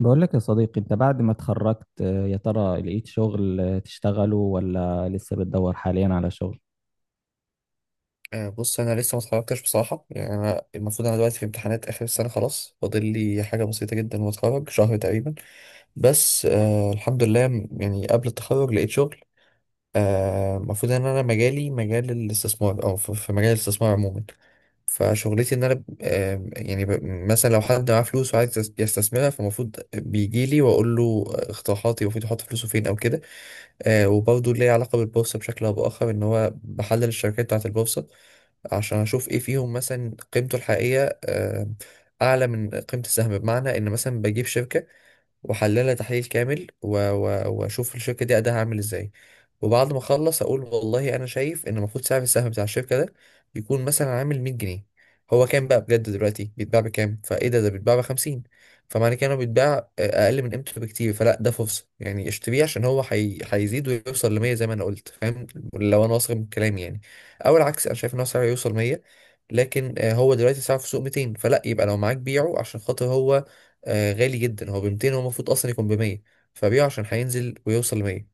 بقول لك يا صديقي، انت بعد ما اتخرجت، يا ترى لقيت شغل تشتغله ولا لسه بتدور حاليا على شغل؟ بص انا لسه ما اتخرجتش بصراحه. يعني انا المفروض انا دلوقتي في امتحانات اخر السنه، خلاص فاضل لي حاجه بسيطه جدا واتخرج شهر تقريبا. بس الحمد لله، يعني قبل التخرج لقيت شغل. المفروض ان انا مجالي مجال الاستثمار، او في مجال الاستثمار عموما. فشغلتي ان انا مثلا لو حد معاه فلوس وعايز يستثمرها، فالمفروض بيجي لي واقول له اقتراحاتي، المفروض يحط فلوسه فين او كده. وبرضه ليه علاقة بالبورصة بشكل أو بآخر، إن هو بحلل الشركات بتاعة البورصة عشان أشوف إيه فيهم، مثلا قيمته الحقيقية أعلى من قيمة السهم، بمعنى إن مثلا بجيب شركة واحللها تحليل كامل واشوف الشركه دي اداها عامل ازاي. وبعد ما اخلص اقول والله انا شايف ان المفروض سعر السهم بتاع الشركه ده يكون مثلا عامل 100 جنيه. هو كام بقى بجد دلوقتي؟ بيتباع بكام؟ فايه ده بيتباع ب 50. فمعنى كده انه بيتباع اقل من قيمته بكتير، فلا ده فرصه يعني اشتريه عشان هو هيزيد ويوصل ل 100 زي ما انا قلت، فاهم؟ لو انا واثق من كلامي يعني. او العكس، انا شايف ان هو سعره يوصل 100 لكن هو دلوقتي سعره في السوق 200، فلا يبقى لو معاك بيعه عشان خاطر هو غالي جدا، هو ب 200 هو المفروض اصلا يكون ب 100، فبيعه عشان هينزل ويوصل ل 100.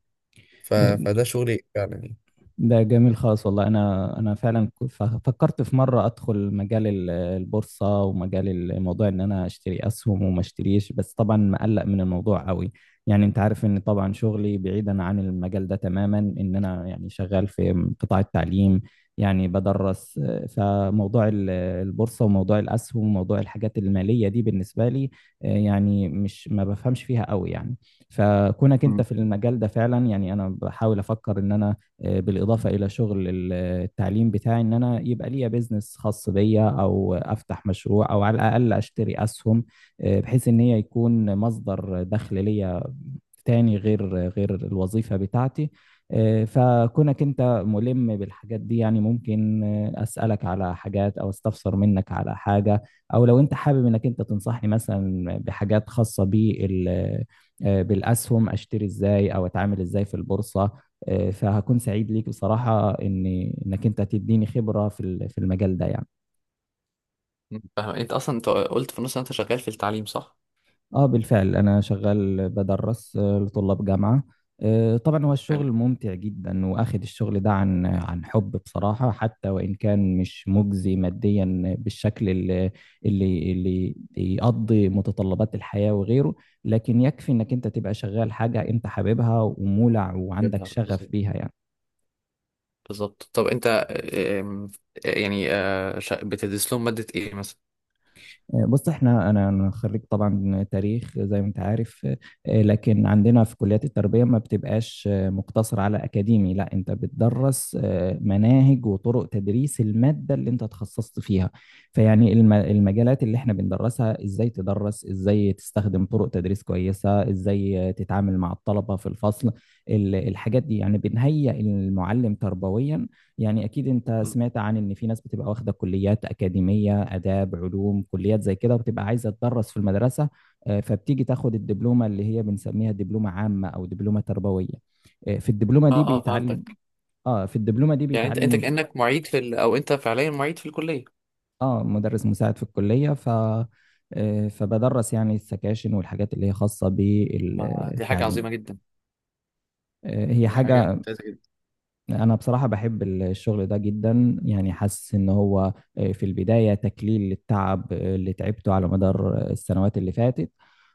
فده شغل فعلا يعني. ده جميل خالص، والله انا فعلا فكرت في مره ادخل مجال البورصه ومجال الموضوع ان انا اشتري اسهم وما اشتريش، بس طبعا مقلق من الموضوع قوي. يعني انت عارف ان طبعا شغلي بعيدا عن المجال ده تماما، ان انا يعني شغال في قطاع التعليم. يعني بدرس، فموضوع البورصه وموضوع الاسهم وموضوع الحاجات الماليه دي بالنسبه لي يعني مش ما بفهمش فيها قوي يعني. فكونك انت مم. في المجال ده فعلا، يعني انا بحاول افكر ان انا بالإضافة إلى شغل التعليم بتاعي، إن أنا يبقى ليا بيزنس خاص بيا أو أفتح مشروع أو على الأقل أشتري أسهم، بحيث إن هي يكون مصدر دخل ليا تاني غير الوظيفة بتاعتي. فكونك انت ملم بالحاجات دي يعني ممكن اسألك على حاجات او استفسر منك على حاجة، او لو انت حابب انك انت تنصحني مثلا بحاجات خاصة بال، بالاسهم، اشتري ازاي او اتعامل ازاي في البورصة. فهكون سعيد ليك بصراحة ان انك انت تديني خبرة في في المجال ده يعني. فاهم؟ انت اصلا انت قلت في النص إن انت شغال في التعليم، صح؟ اه بالفعل انا شغال بدرس لطلاب جامعة. طبعا هو حلو. الشغل ممتع جدا، واخد الشغل ده عن حب بصراحة، حتى وان كان مش مجزي ماديا بالشكل اللي يقضي متطلبات الحياة وغيره. لكن يكفي انك انت تبقى شغال حاجة انت حاببها ومولع وعندك جبنا شغف بالظبط. بيها يعني. بالظبط. طب انت، آم، يعني بتدرس لهم مادة ايه مثلا؟ بص احنا أنا خريج طبعا تاريخ زي ما انت عارف. لكن عندنا في كليات التربيه ما بتبقاش مقتصر على اكاديمي، لا انت بتدرس مناهج وطرق تدريس الماده اللي انت تخصصت فيها. فيعني المجالات اللي احنا بندرسها، ازاي تدرس، ازاي تستخدم طرق تدريس كويسه، ازاي تتعامل مع الطلبه في الفصل، الحاجات دي يعني بنهيئ المعلم تربويا. يعني أكيد أنت مم. سمعت عن إن في ناس بتبقى واخدة كليات أكاديمية، آداب، علوم، كليات زي كده، وبتبقى عايزة تدرس في المدرسة. فبتيجي تاخد الدبلومة اللي هي بنسميها دبلومة عامة أو دبلومة تربوية. آه، في الدبلومة اه دي اه، بيتعلم فهمتك. في الدبلومة دي يعني انت انت بيتعلم. كأنك معيد في او انت فعليا معيد في الكلية؟ آه، مدرس مساعد في الكلية. ف آه، فبدرس يعني السكاشن والحاجات اللي هي خاصة ما دي حاجة بالتعليم. عظيمة جدا، هي دي حاجة. حاجة. انا بصراحة بحب الشغل ده جدا، يعني حاسس ان هو في البداية تكليل للتعب اللي تعبته على مدار السنوات اللي فاتت.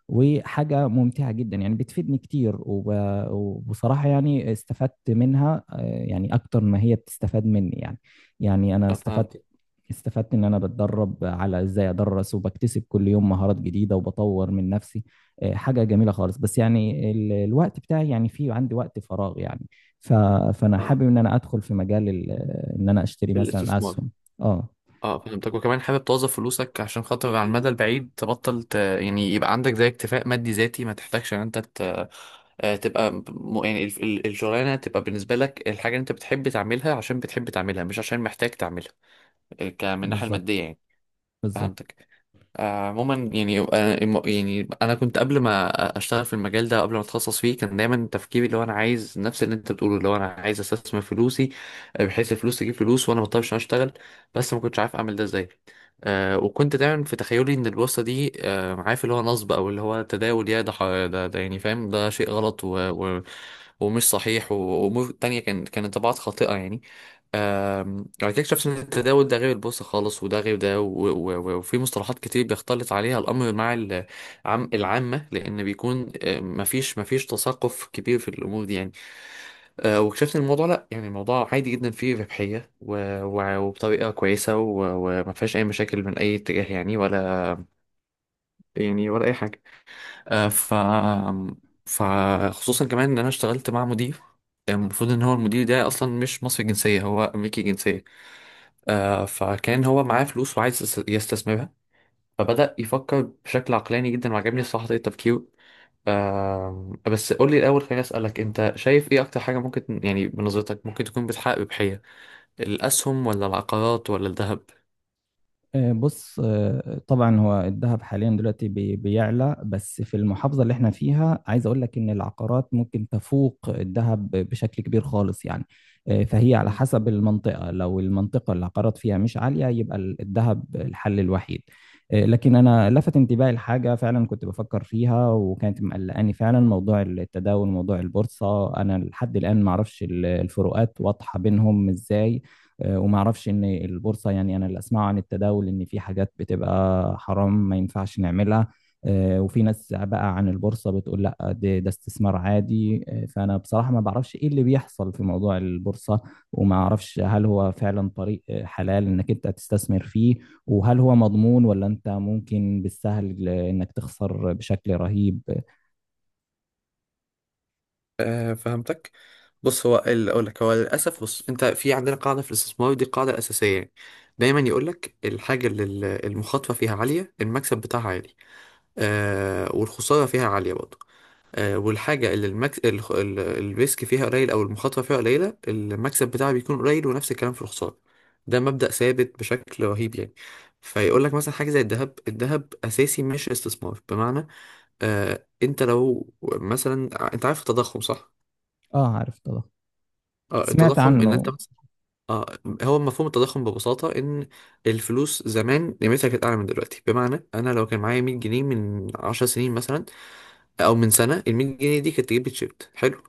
وحاجة ممتعة جدا يعني، بتفيدني كتير وبصراحة يعني استفدت منها، يعني اكتر ما هي بتستفاد مني يعني. يعني انا استفدت فهمت. استفدت ان انا بتدرب على ازاي ادرس، وبكتسب كل يوم مهارات جديده، وبطور من نفسي. حاجه جميله خالص، بس يعني الوقت بتاعي يعني في عندي وقت فراغ يعني. ف... فانا حابب اه، ان انا ادخل في مجال ان انا اشتري مثلا الاستثمار. اسهم. اه، اه فهمتك. وكمان حابب توظف فلوسك عشان خاطر على المدى البعيد تبطل يعني يبقى عندك زي اكتفاء مادي ذاتي، ما تحتاجش ان انت تبقى يعني الشغلانه تبقى بالنسبه لك الحاجه اللي انت بتحب تعملها عشان بتحب تعملها، مش عشان محتاج تعملها. من الناحيه بالظبط، الماديه يعني. بالظبط. فهمتك. عموما يعني، يعني انا كنت قبل ما اشتغل في المجال ده، قبل ما اتخصص فيه، كان دايما تفكيري اللي هو انا عايز نفس اللي انت بتقوله، اللي هو انا عايز استثمر فلوسي بحيث الفلوس تجيب فلوس وانا ما اضطرش إن أنا اشتغل. بس ما كنتش عارف اعمل ده ازاي. وكنت دايما في تخيلي ان البورصه دي، عارف، اللي هو نصب او اللي هو تداول، يا ده ده يعني، فاهم؟ ده شيء غلط ومش صحيح، وامور تانية كان كانت طبعات خاطئه يعني. بعد كده اكتشفت ان التداول ده غير البورصه خالص، وده غير ده، وفي مصطلحات كتير بيختلط عليها الامر مع العامه، لان بيكون مفيش تثقف كبير في الامور دي يعني. واكتشفت ان الموضوع لا، يعني الموضوع عادي جدا، فيه ربحيه وبطريقه كويسه وما فيهاش اي مشاكل من اي اتجاه يعني، ولا يعني ولا اي حاجه. آه، ف فخصوصا كمان ان انا اشتغلت مع مدير، يعني المفروض ان هو المدير ده اصلا مش مصري الجنسيه، هو امريكي الجنسيه. فكان هو معاه فلوس وعايز يستثمرها، فبدأ يفكر بشكل عقلاني جدا، وعجبني الصراحه طريقه تفكيره. بس قول لي الاول، خليني اسالك، انت شايف ايه اكتر حاجه ممكن، يعني بنظرتك ممكن تكون بتحقق ربحيه؟ الاسهم ولا العقارات ولا الذهب؟ بص، طبعا هو الذهب حاليا دلوقتي بيعلى، بس في المحافظة اللي احنا فيها عايز اقول لك ان العقارات ممكن تفوق الذهب بشكل كبير خالص يعني. فهي على مم. حسب المنطقة، لو المنطقة اللي العقارات فيها مش عالية يبقى الذهب الحل الوحيد. لكن انا لفت انتباهي لحاجة فعلا كنت بفكر فيها، وكانت مقلقاني فعلا، موضوع التداول، موضوع البورصة، انا لحد الآن معرفش الفروقات واضحة بينهم ازاي. وما اعرفش ان البورصه، يعني انا اللي اسمعه عن التداول ان في حاجات بتبقى حرام ما ينفعش نعملها. وفي ناس بقى عن البورصه بتقول لا، ده استثمار عادي. فانا بصراحه ما بعرفش ايه اللي بيحصل في موضوع البورصه، وما اعرفش هل هو فعلا طريق حلال انك انت تستثمر فيه، وهل هو مضمون ولا انت ممكن بالسهل انك تخسر بشكل رهيب. آه فهمتك. بص، هو اللي اقول لك، هو للاسف، بص، انت في عندنا قاعده في الاستثمار، دي قاعده اساسيه يعني. دايما يقول لك الحاجه اللي المخاطره فيها عاليه، المكسب بتاعها عالي والخساره فيها عاليه برضه. والحاجه اللي الريسك فيها قليل، او المخاطره فيها قليله، المكسب بتاعها بيكون قليل ونفس الكلام في الخساره. ده مبدأ ثابت بشكل رهيب يعني. فيقول لك مثلا حاجه زي الذهب. الذهب اساسي مش استثمار، بمعنى انت لو مثلا، انت عارف التضخم صح؟ اه عارف طبعا، سمعت التضخم ان عنه. انت... اه، هو مفهوم التضخم ببساطة إن الفلوس زمان قيمتها كانت أعلى من دلوقتي، بمعنى أنا لو كان معايا 100 جنيه من 10 سنين مثلا، او من سنه، ال 100 جنيه دي كانت تجيب لي تيشيرت حلو.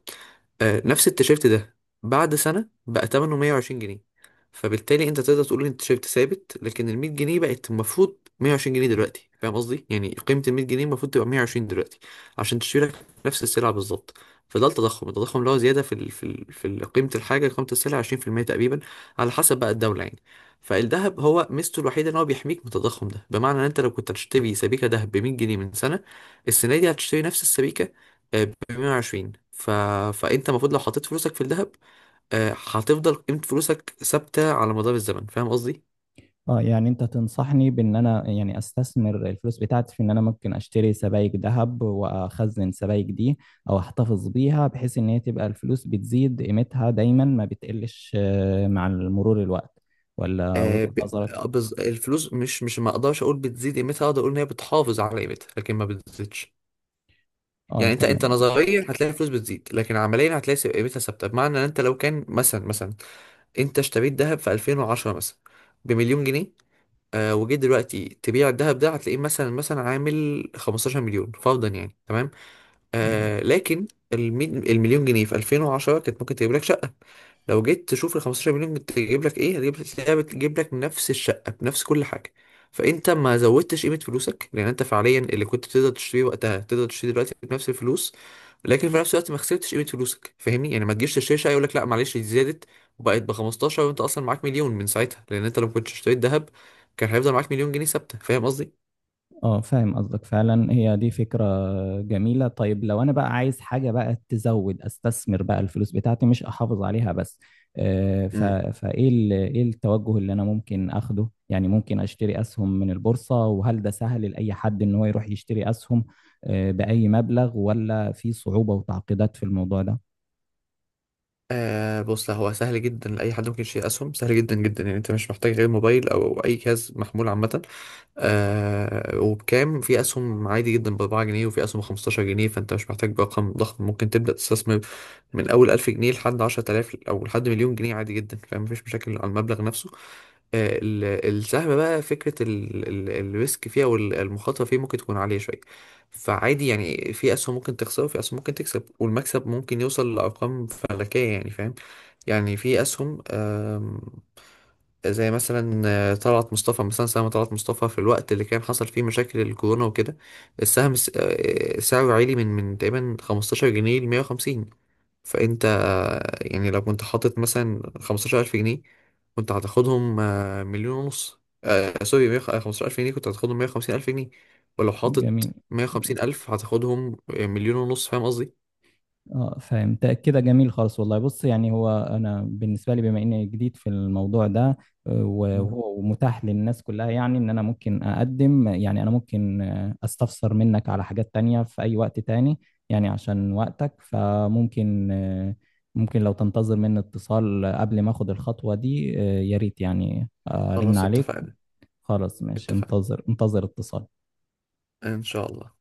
نفس التيشيرت ده بعد سنه بقى ثمنه 120 جنيه، فبالتالي انت تقدر تقول ان التيشيرت ثابت، لكن ال 100 جنيه بقت المفروض 120 جنيه دلوقتي، فاهم قصدي؟ يعني قيمه ال 100 جنيه المفروض تبقى 120 دلوقتي عشان تشتري لك نفس السلعه بالظبط. فده التضخم، التضخم اللي هو زياده في قيمه الحاجه، قيمه السلعه 20% تقريبا، على حسب بقى الدوله يعني. فالذهب، هو ميزته الوحيده ان هو بيحميك من التضخم ده، بمعنى ان انت لو كنت هتشتري سبيكه ذهب ب 100 جنيه من سنه، السنة دي هتشتري نفس السبيكة ب 120. فأنت المفروض لو حطيت فلوسك في الذهب، هتفضل قيمة فلوسك ثابتة على مدار الزمن، فاهم قصدي؟ اه، يعني انت تنصحني بان انا يعني استثمر الفلوس بتاعتي في ان انا ممكن اشتري سبائك ذهب، واخزن سبائك دي او احتفظ بيها، بحيث ان هي تبقى الفلوس بتزيد قيمتها دايما ما بتقلش مع مرور الوقت، ولا آه، وجهة ب... نظرك؟ الفلوس مش ما أقدرش أقول بتزيد قيمتها، أقدر أقول إن هي بتحافظ على قيمتها لكن ما بتزيدش. اه يعني أنت تمام، أنت نظريا هتلاقي الفلوس بتزيد، لكن عمليا هتلاقي قيمتها ثابتة، بمعنى إن أنت لو كان مثلا مثلا أنت اشتريت ذهب في 2010 مثلا بمليون جنيه، وجيت دلوقتي تبيع الذهب ده هتلاقيه مثلا مثلا عامل 15 مليون فرضا يعني، تمام؟ تمام. لكن المليون جنيه في 2010 كانت ممكن تجيب لك شقة، لو جيت تشوف ال 15 مليون تجيب لك ايه؟ هتجيب، تلاقيها بتجيب لك نفس الشقة بنفس كل حاجة. فانت ما زودتش قيمة فلوسك، لان انت فعليا اللي كنت تقدر تشتريه وقتها تقدر تشتريه دلوقتي بنفس الفلوس. لكن في نفس الوقت ما خسرتش قيمة فلوسك، فاهمني يعني؟ ما تجيش تشتري شقة يقول لك لا معلش، دي زادت وبقت ب 15، وانت اصلا معاك مليون من ساعتها، لان انت لو كنت اشتريت ذهب كان هيفضل معاك مليون جنيه ثابتة، فاهم قصدي؟ اه، فاهم قصدك فعلا، هي دي فكرة جميلة. طيب، لو انا بقى عايز حاجة بقى تزود، استثمر بقى الفلوس بتاعتي مش احافظ عليها بس، آه، ف... ايه التوجه اللي انا ممكن اخده يعني؟ ممكن اشتري اسهم من البورصة، وهل ده سهل لأي حد ان هو يروح يشتري اسهم بأي مبلغ، ولا في صعوبة وتعقيدات في الموضوع ده؟ آه بص، لا، هو سهل جدا. لأي حد ممكن يشتري أسهم، سهل جدا جدا يعني. أنت مش محتاج غير موبايل أو أي جهاز محمول عامة. وبكام، في أسهم عادي جدا بأربعة جنيه، وفي أسهم بخمستاشر جنيه، فأنت مش محتاج برقم ضخم ممكن تبدأ تستثمر، من أول ألف جنيه لحد عشرة آلاف أو لحد مليون جنيه عادي جدا، فمفيش مشاكل على المبلغ نفسه. آه، ال- السهم بقى فكرة الريسك فيها والمخاطرة فيه ممكن تكون عالية شوية، فعادي يعني في أسهم ممكن تخسر وفي أسهم ممكن تكسب، والمكسب ممكن يوصل لأرقام فلكية يعني، فاهم؟ يعني في أسهم، زي مثلا طلعت مصطفى، مثلا سهم طلعت مصطفى في الوقت اللي كان حصل فيه مشاكل الكورونا وكده، السهم س- آه، سعره عالي، من تقريبا 15 جنيه ل 150. فانت يعني لو كنت حاطط مثلا 15,000 جنيه، كنت هتاخدهم مليون ونص. آه سوري، 100، 15,000 جنيه كنت هتاخدهم 150,000 جنيه، ولو جميل، حاطط 150,000 هتاخدهم مليون ونص، فاهم قصدي؟ اه فهمت كده، جميل خالص والله. بص يعني هو انا بالنسبه لي بما اني جديد في الموضوع ده، مم. وهو متاح للناس كلها، يعني ان انا ممكن اقدم، يعني انا ممكن استفسر منك على حاجات تانية في اي وقت تاني. يعني عشان وقتك، فممكن آه، ممكن لو تنتظر مني اتصال قبل ما اخد الخطوه دي، يا ريت يعني، ارن خلاص عليك. اتفقنا. خلاص، ماشي، اتفقنا انتظر اتصال. ان شاء الله.